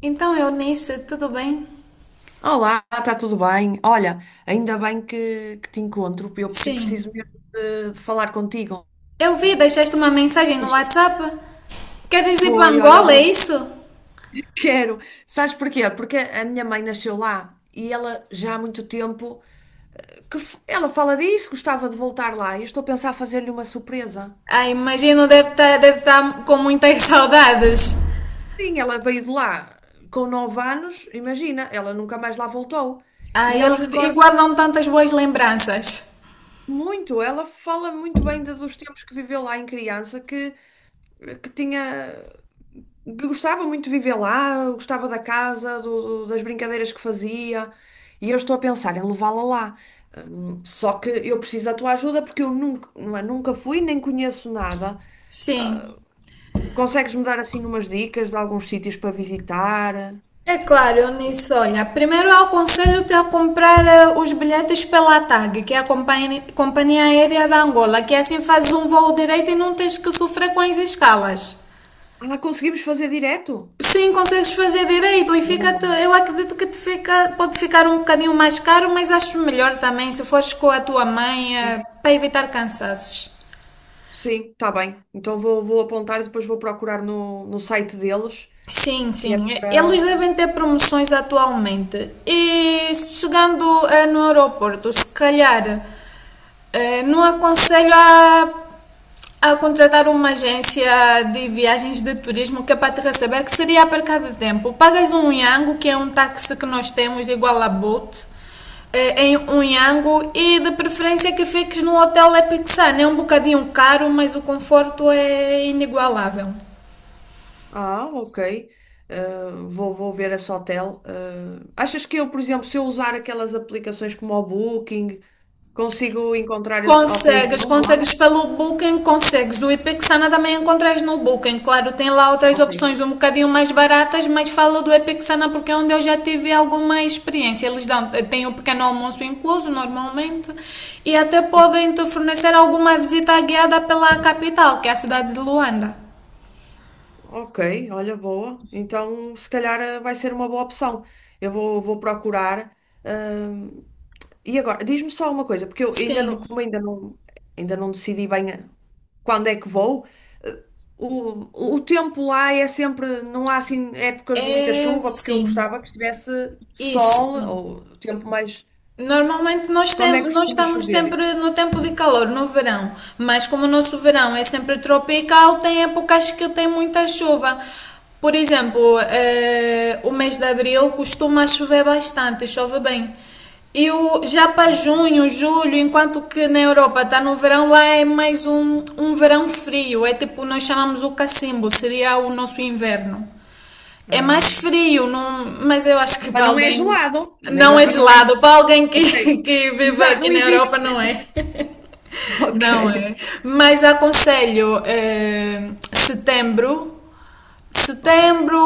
Então, Eunice, tudo bem? Olá, está tudo bem? Olha, ainda bem que te encontro, eu, porque eu Sim. preciso mesmo de falar contigo. Eu vi, deixaste uma mensagem no Isto WhatsApp. Queres ir para foi, olha, Angola, é obrigado. isso? Quero. Sabes porquê? Porque a minha mãe nasceu lá e ela já há muito tempo que ela fala disso, gostava de voltar lá. E eu estou a pensar fazer-lhe uma surpresa. Ah, imagino, deve estar deve tá com muitas saudades. Sim, ela veio de lá com 9 anos, imagina, ela nunca mais lá voltou. Ah, E ela eles e recorda guardam tantas boas lembranças. muito, ela fala muito bem dos tempos que viveu lá em criança, que tinha. Gostava muito de viver lá, gostava da casa, das brincadeiras que fazia, e eu estou a pensar em levá-la lá. Só que eu preciso da tua ajuda porque eu nunca, não é, nunca fui, nem conheço nada. Sim. Consegues-me dar assim umas dicas de alguns sítios para visitar? É claro, Eunice, olha, primeiro eu aconselho-te a comprar os bilhetes pela TAG, que é a companhia aérea da Angola, que assim fazes um voo direito e não tens que sofrer com as escalas. Ah, conseguimos fazer direto? Sim, consegues fazer direito e fica, Boa. eu acredito que te fica, pode ficar um bocadinho mais caro, mas acho melhor também se fores com a tua mãe, Sim, para evitar cansaços. sim, tá bem. Então vou apontar e depois vou procurar no site deles, Sim, que é sim, eles para. devem ter promoções atualmente. E chegando no aeroporto, se calhar não aconselho a contratar uma agência de viagens de turismo que é para te receber, que seria a cada tempo. Pagas um Yango, que é um táxi que nós temos igual a Bolt, em um Yango e de preferência que fiques no Hotel Epic Sun. É um bocadinho caro, mas o conforto é inigualável. Ah, ok. Vou ver esse hotel. Achas que eu, por exemplo, se eu usar aquelas aplicações como o Booking, consigo encontrar esses hotéis Consegues, bons lá? consegues pelo Booking, consegues. O Epixana também encontras no Booking. Claro, tem lá outras Ok. opções um bocadinho mais baratas, mas falo do Epixana porque é onde eu já tive alguma experiência. Eles dão, têm um pequeno almoço incluso normalmente, e até Sim. podem te fornecer alguma visita guiada pela capital, que é a cidade de Luanda. Ok, olha, boa. Então, se calhar vai ser uma boa opção. Eu vou procurar. Ahm, e agora, diz-me só uma coisa, porque eu ainda Sim, não, como ainda não decidi bem, quando é que vou. Eh, o tempo lá é sempre, não há assim épocas de muita é chuva, porque eu sim. gostava que estivesse sol Isso. ou tempo mais. Normalmente nós, tem, Quando é que nós costuma estamos chover? sempre no tempo de calor, no verão, mas como o nosso verão é sempre tropical, tem épocas que tem muita chuva. Por exemplo, o mês de abril costuma chover bastante, chove bem. E o, já para junho, julho, enquanto que na Europa está no verão, lá é mais um, um verão frio, é tipo, nós chamamos o cacimbo, seria o nosso inverno. É mais Ah. frio, mas eu acho que Mas para não é alguém gelado, mesmo não é assim não é. gelado, para alguém que, Ok. que vive Exato, aqui não na existe. Europa não é. Ok. Não é. Mas aconselho eh, setembro Ok. setembro,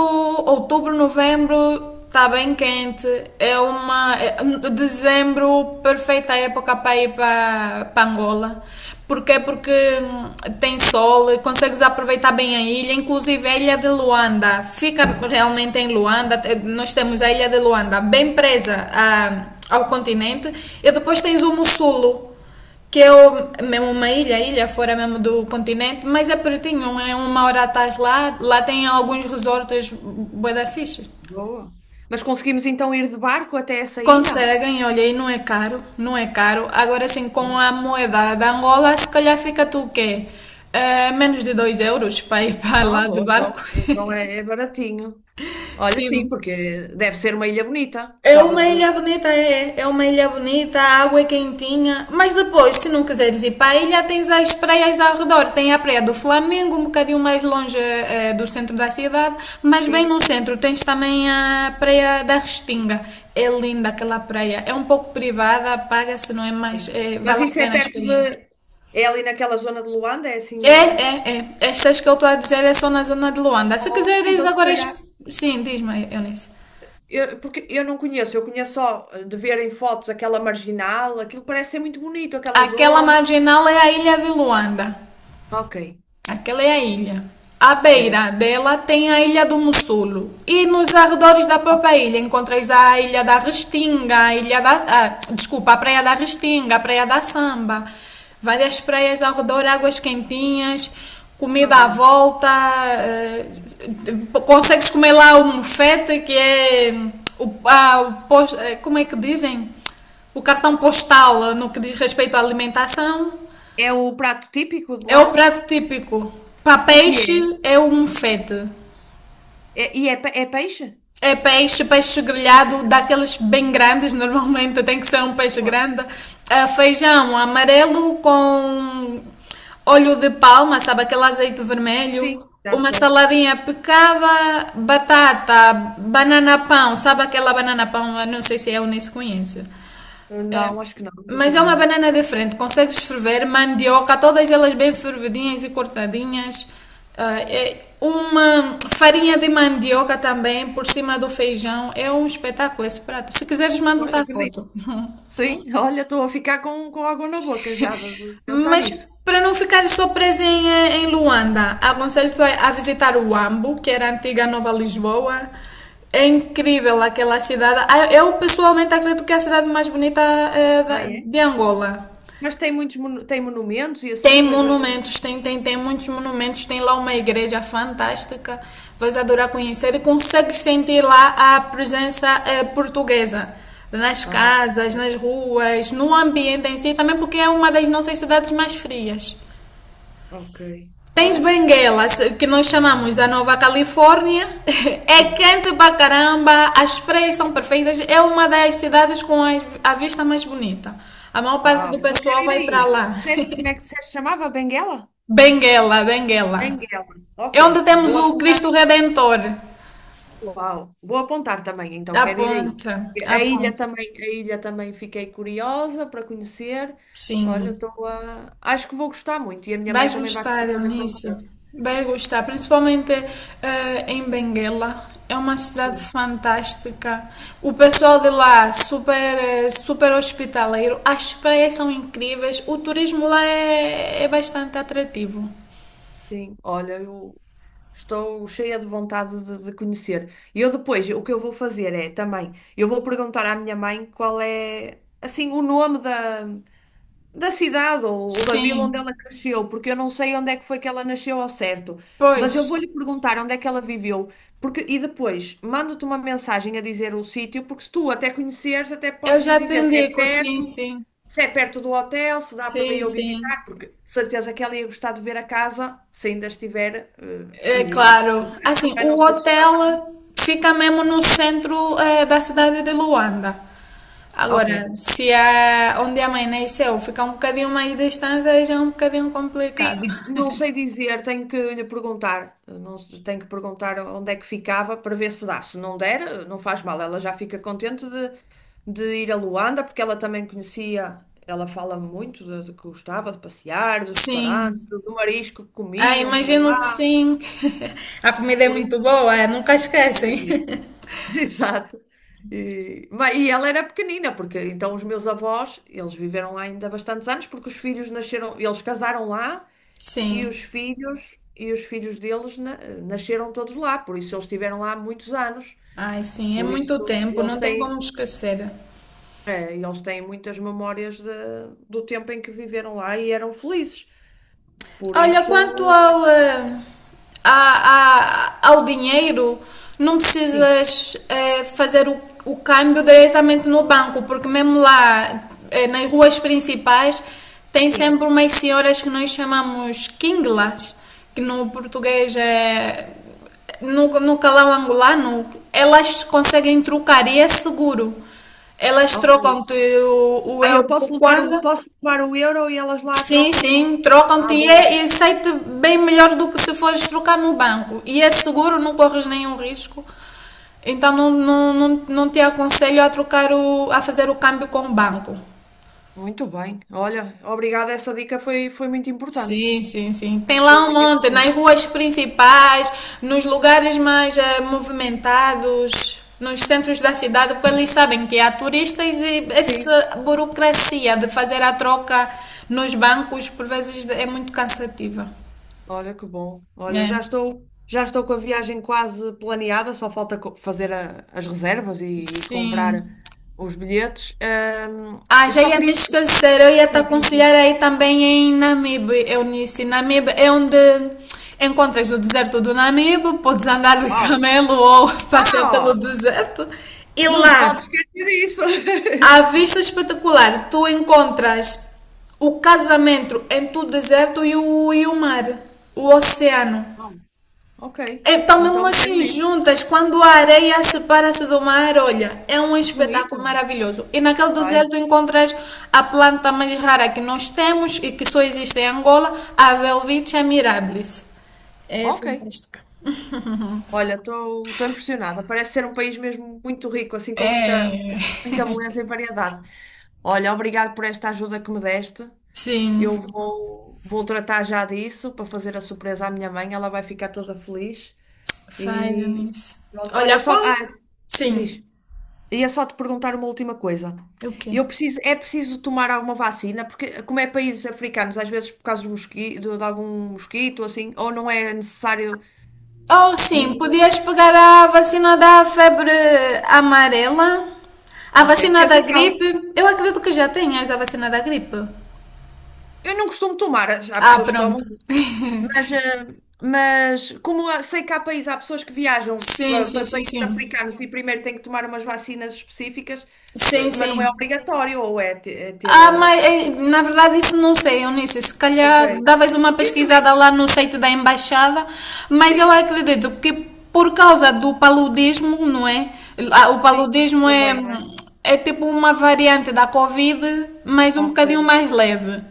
outubro, novembro está bem quente. É uma é- Dezembro perfeita época para ir para, para Angola. Porquê? Porque tem sol, consegues aproveitar bem a ilha, inclusive a ilha de Luanda. Fica realmente em Luanda. Nós temos a ilha de Luanda bem presa ao continente, e depois tens o Mussulo, que eu mesmo uma ilha, ilha fora mesmo do continente, mas é pertinho, é uma hora atrás lá, lá tem alguns resorts bué da fixe. Boa. Mas conseguimos então ir de barco até essa ilha? Conseguem, olha, e não é caro, não é caro. Agora sim, com a moeda da Angola, se calhar fica tu o quê? Menos de 2 euros para ir para Ah, lá de boa, então, barco. então é baratinho. Olha, sim, Sim, porque deve ser uma ilha bonita. é Gostava uma de. ilha bonita, é. É uma ilha bonita, a água é quentinha. Mas depois, se não quiseres ir para a ilha, tens as praias ao redor. Tem a Praia do Flamengo, um bocadinho mais longe do centro da cidade. Mas bem no centro tens também a Praia da Restinga. É linda aquela praia. É um pouco privada, paga-se, não é mais, Sim. Mas vale a isso é pena a perto experiência. de. É ali naquela zona de Luanda, é É, assim. é, é. Estas que eu estou a dizer é só na zona de Luanda. Se Ou- quiseres então, se agora. Calhar. Sim, diz-me, Eunice. Porque eu não conheço, eu conheço só de ver em fotos aquela marginal, aquilo parece ser muito bonito, aquela Aquela zona. marginal é a ilha de Luanda. Ok, Aquela é a ilha. À beira certo. dela tem a Ilha do Mussulo. E nos arredores da Ok, própria ilha encontras a Ilha da Restinga, a Ilha da. Ah, desculpa, a Praia da Restinga, a Praia da Samba. Várias praias ao redor, águas quentinhas, ah, comida à boa. volta. eh, Consegues comer lá o mufete, que é. O, ah, o pos- eh, Como é que dizem? O cartão postal no que diz respeito à alimentação. É o prato típico de É lá? o prato típico. Para O que peixe é? é o mufete. É peixe? É peixe, peixe Ok, grelhado, daqueles bem grandes, normalmente tem que ser um peixe boa. grande. Ah, feijão amarelo com óleo de palma, sabe, aquele azeite vermelho. Sim, já Uma sei. saladinha picava, batata, banana pão, sabe aquela banana pão? Eu não sei se é ou nem se conhece. Não, acho que não, nunca Mas é uma comi. banana diferente, consegues ferver mandioca, todas elas bem fervidinhas e cortadinhas. Ah, é uma farinha de mandioca também por cima do feijão. É um espetáculo esse prato. Se quiseres, mando-te Pois, a acredito. foto. Sim, olha, estou a ficar com água na boca já de pensar Mas nisso. para não ficares só presa em, em Luanda, aconselho-te a visitar o Huambo, que era a antiga Nova Lisboa. É incrível aquela cidade. Ah, eu pessoalmente acredito que é a cidade mais bonita Ah, é? de Angola. Mas tem muitos tem monumentos e Tem assim, coisas. monumentos, tem muitos monumentos, tem lá uma igreja fantástica, vais adorar conhecer e consegues sentir lá a presença portuguesa nas Ah, casas, nas ruas, no ambiente em si, também porque é uma das nossas cidades mais frias. ok. Tens Olha, Benguela, que nós chamamos a Nova Califórnia, é sim. quente pra caramba, as praias são perfeitas, é uma das cidades com a vista mais bonita. A maior parte do Uau, então pessoal quero ir vai pra aí. lá. Disseste, como é que disseste, que se chamava? Benguela? Benguela. Benguela. É Ok, onde temos vou o Cristo apontar. Redentor. Uau, vou apontar também, então quero ir aí. Aponta, aponta. A ilha também fiquei curiosa para conhecer. Olha, Sim. estou a. Acho que vou gostar muito e a minha mãe Vais também vai ficar gostar, toda Eunice. contente. Vai gostar, principalmente em Benguela. É uma cidade Sim, fantástica. O pessoal de lá, super, super hospitaleiro. As praias são incríveis. O turismo lá é, é bastante atrativo. sim. Olha, eu estou cheia de vontade de conhecer. E eu depois, o que eu vou fazer é também, eu vou perguntar à minha mãe qual é, assim, o nome da cidade ou da vila onde Sim, ela cresceu, porque eu não sei onde é que foi que ela nasceu ao certo, mas pois. eu vou-lhe perguntar onde é que ela viveu, porque e depois mando-te uma mensagem a dizer o sítio, porque se tu até conheceres, até Eu podes me já te dizer se é indico, sim, perto, sim. se é perto do hotel, se dá para Sim, eu sim. visitar, porque de certeza que ela ia gostar de ver a casa, se ainda estiver, É claro. eu Assim, também não o sei se está certo. hotel fica mesmo no centro, da cidade de Luanda. Agora, Ok. se é onde amanheceu fica um bocadinho mais distante, aí já é um bocadinho complicado. Não sei dizer, tenho que lhe perguntar. Não, tenho que perguntar onde é que ficava para ver se dá. Se não der, não faz mal. Ela já fica contente de ir a Luanda, porque ela também conhecia, ela fala muito de que gostava de passear, dos restaurantes, Sim. do marisco que Ah, comiam por imagino que lá, sim. A comida é por muito isso boa, nunca esquecem. acredito. Exato. E ela era pequenina, porque então os meus avós, eles viveram lá ainda bastantes anos, porque os filhos nasceram, eles casaram lá. E os Sim. filhos, e os filhos deles nasceram todos lá, por isso eles estiveram lá há muitos anos. Ai, sim, é Por muito isso tempo, eles não tem como têm, esquecer. é, eles têm muitas memórias do tempo em que viveram lá e eram felizes. Por Olha, quanto isso, mas- ao, ao dinheiro, não sim, precisas fazer o câmbio diretamente no banco, porque mesmo lá, nas ruas principais, tem sim. sempre umas senhoras que nós chamamos quinglas, que no português é. No calão angolano, elas conseguem trocar e é seguro. Elas Ok. trocam-te o Ah, eu euro por posso levar o, kwanza. posso levar o euro e elas lá Sim, trocam. sim, trocam-te Ah, e, bom. é, e sai-te bem melhor do que se fores trocar no banco. E é seguro, não corres nenhum risco. Então não te aconselho a trocar o, a fazer o câmbio com o banco. Muito bem. Olha, obrigada. Essa dica foi muito importante. Sim, sim, sim. Tem Foi lá um muito monte, nas importante. ruas principais, nos lugares mais movimentados, nos centros da cidade, porque eles sabem que há turistas e Sim. essa burocracia de fazer a troca nos bancos por vezes é muito cansativa. Olha que bom. Olha, já É. estou, já estou com a viagem quase planeada, só falta fazer as reservas e comprar Sim. os bilhetes. Ahm, Ah, eu já só ia me queria. esquecer. Eu ia te Diz, diz, aconselhar diz. aí também em Namibe, Eunice. Namibe é onde encontras o deserto do Namibe, podes andar de Uau! camelo ou passear Ah! pelo deserto. E Não te lá, podes esquecer disso! à vista espetacular, tu encontras o casamento entre o deserto e o mar, o oceano. Bom, ok, Estão mesmo então quero assim ir. juntas, quando a areia separa-se do mar, olha, é um espetáculo Bonito. maravilhoso. E naquele Ai, deserto encontras a planta mais rara que nós temos e que só existe em Angola, a Welwitschia mirabilis. É ok. fantástica. Olha, estou impressionada. Parece ser um país mesmo muito rico, assim com muita, É, muita beleza e variedade. Olha, obrigado por esta ajuda que me deste. Eu sim, vou tratar já disso para fazer a surpresa à minha mãe, ela vai ficar toda feliz faz e isso. pronto. Olha, Olha, só, qual? ah, Sim. diz, ia só te perguntar uma última coisa. O quê? É preciso tomar alguma vacina, porque como é países africanos, às vezes por causa do de algum mosquito, assim, ou não é necessário Oh, sim, nenhum. podias pegar a vacina da febre amarela, a Ok, porque vacina eu da sei que há, gripe. Eu acredito que já tenhas a vacina da gripe. eu não costumo tomar, há Ah, pessoas que tomam, pronto. Mas, eh, mas como sei que há países, há pessoas que viajam Sim, para, sim, para sim, países sim. africanos e primeiro têm que tomar umas vacinas específicas, Sim, mas não é sim. obrigatório, ou é, é ter. Ah, mas na verdade isso não sei, Eunice. Se Ok. calhar davas uma Eu pesquisada também. lá no site da embaixada, mas eu Sim, acredito que por causa do paludismo, não é? Ah, o sim, paludismo é, também, não é? é tipo uma variante da Covid, mas um Ok. bocadinho mais leve.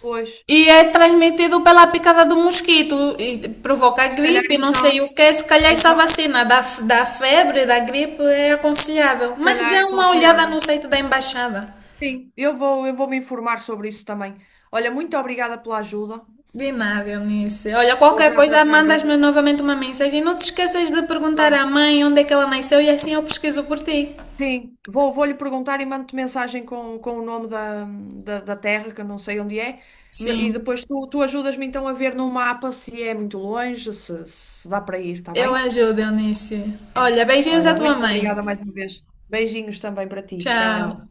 Pois, E é transmitido pela picada do mosquito e provoca se calhar gripe, não sei então, o que. Se calhar essa então, vacina da, da febre, da gripe, é aconselhável. se Mas dê calhar é uma olhada aconselhável. no site da embaixada. Sim, eu vou me informar sobre isso também. Olha, muito obrigada pela ajuda. De nada, Eunice. Olha, Vou qualquer já coisa, tratar mandas-me disso. novamente uma mensagem. Não te esqueças de perguntar Claro. à mãe onde é que ela nasceu e assim eu pesquiso por ti. Sim, vou lhe perguntar e mando-te mensagem com o nome da terra, que eu não sei onde é. E Sim, depois tu ajudas-me então a ver no mapa se é muito longe, se dá para ir, está eu bem? ajudo, Eunice. Ok. Olha, beijinhos à Olha, tua muito mãe. obrigada mais uma vez. Beijinhos também para ti. Tchau. Tchau.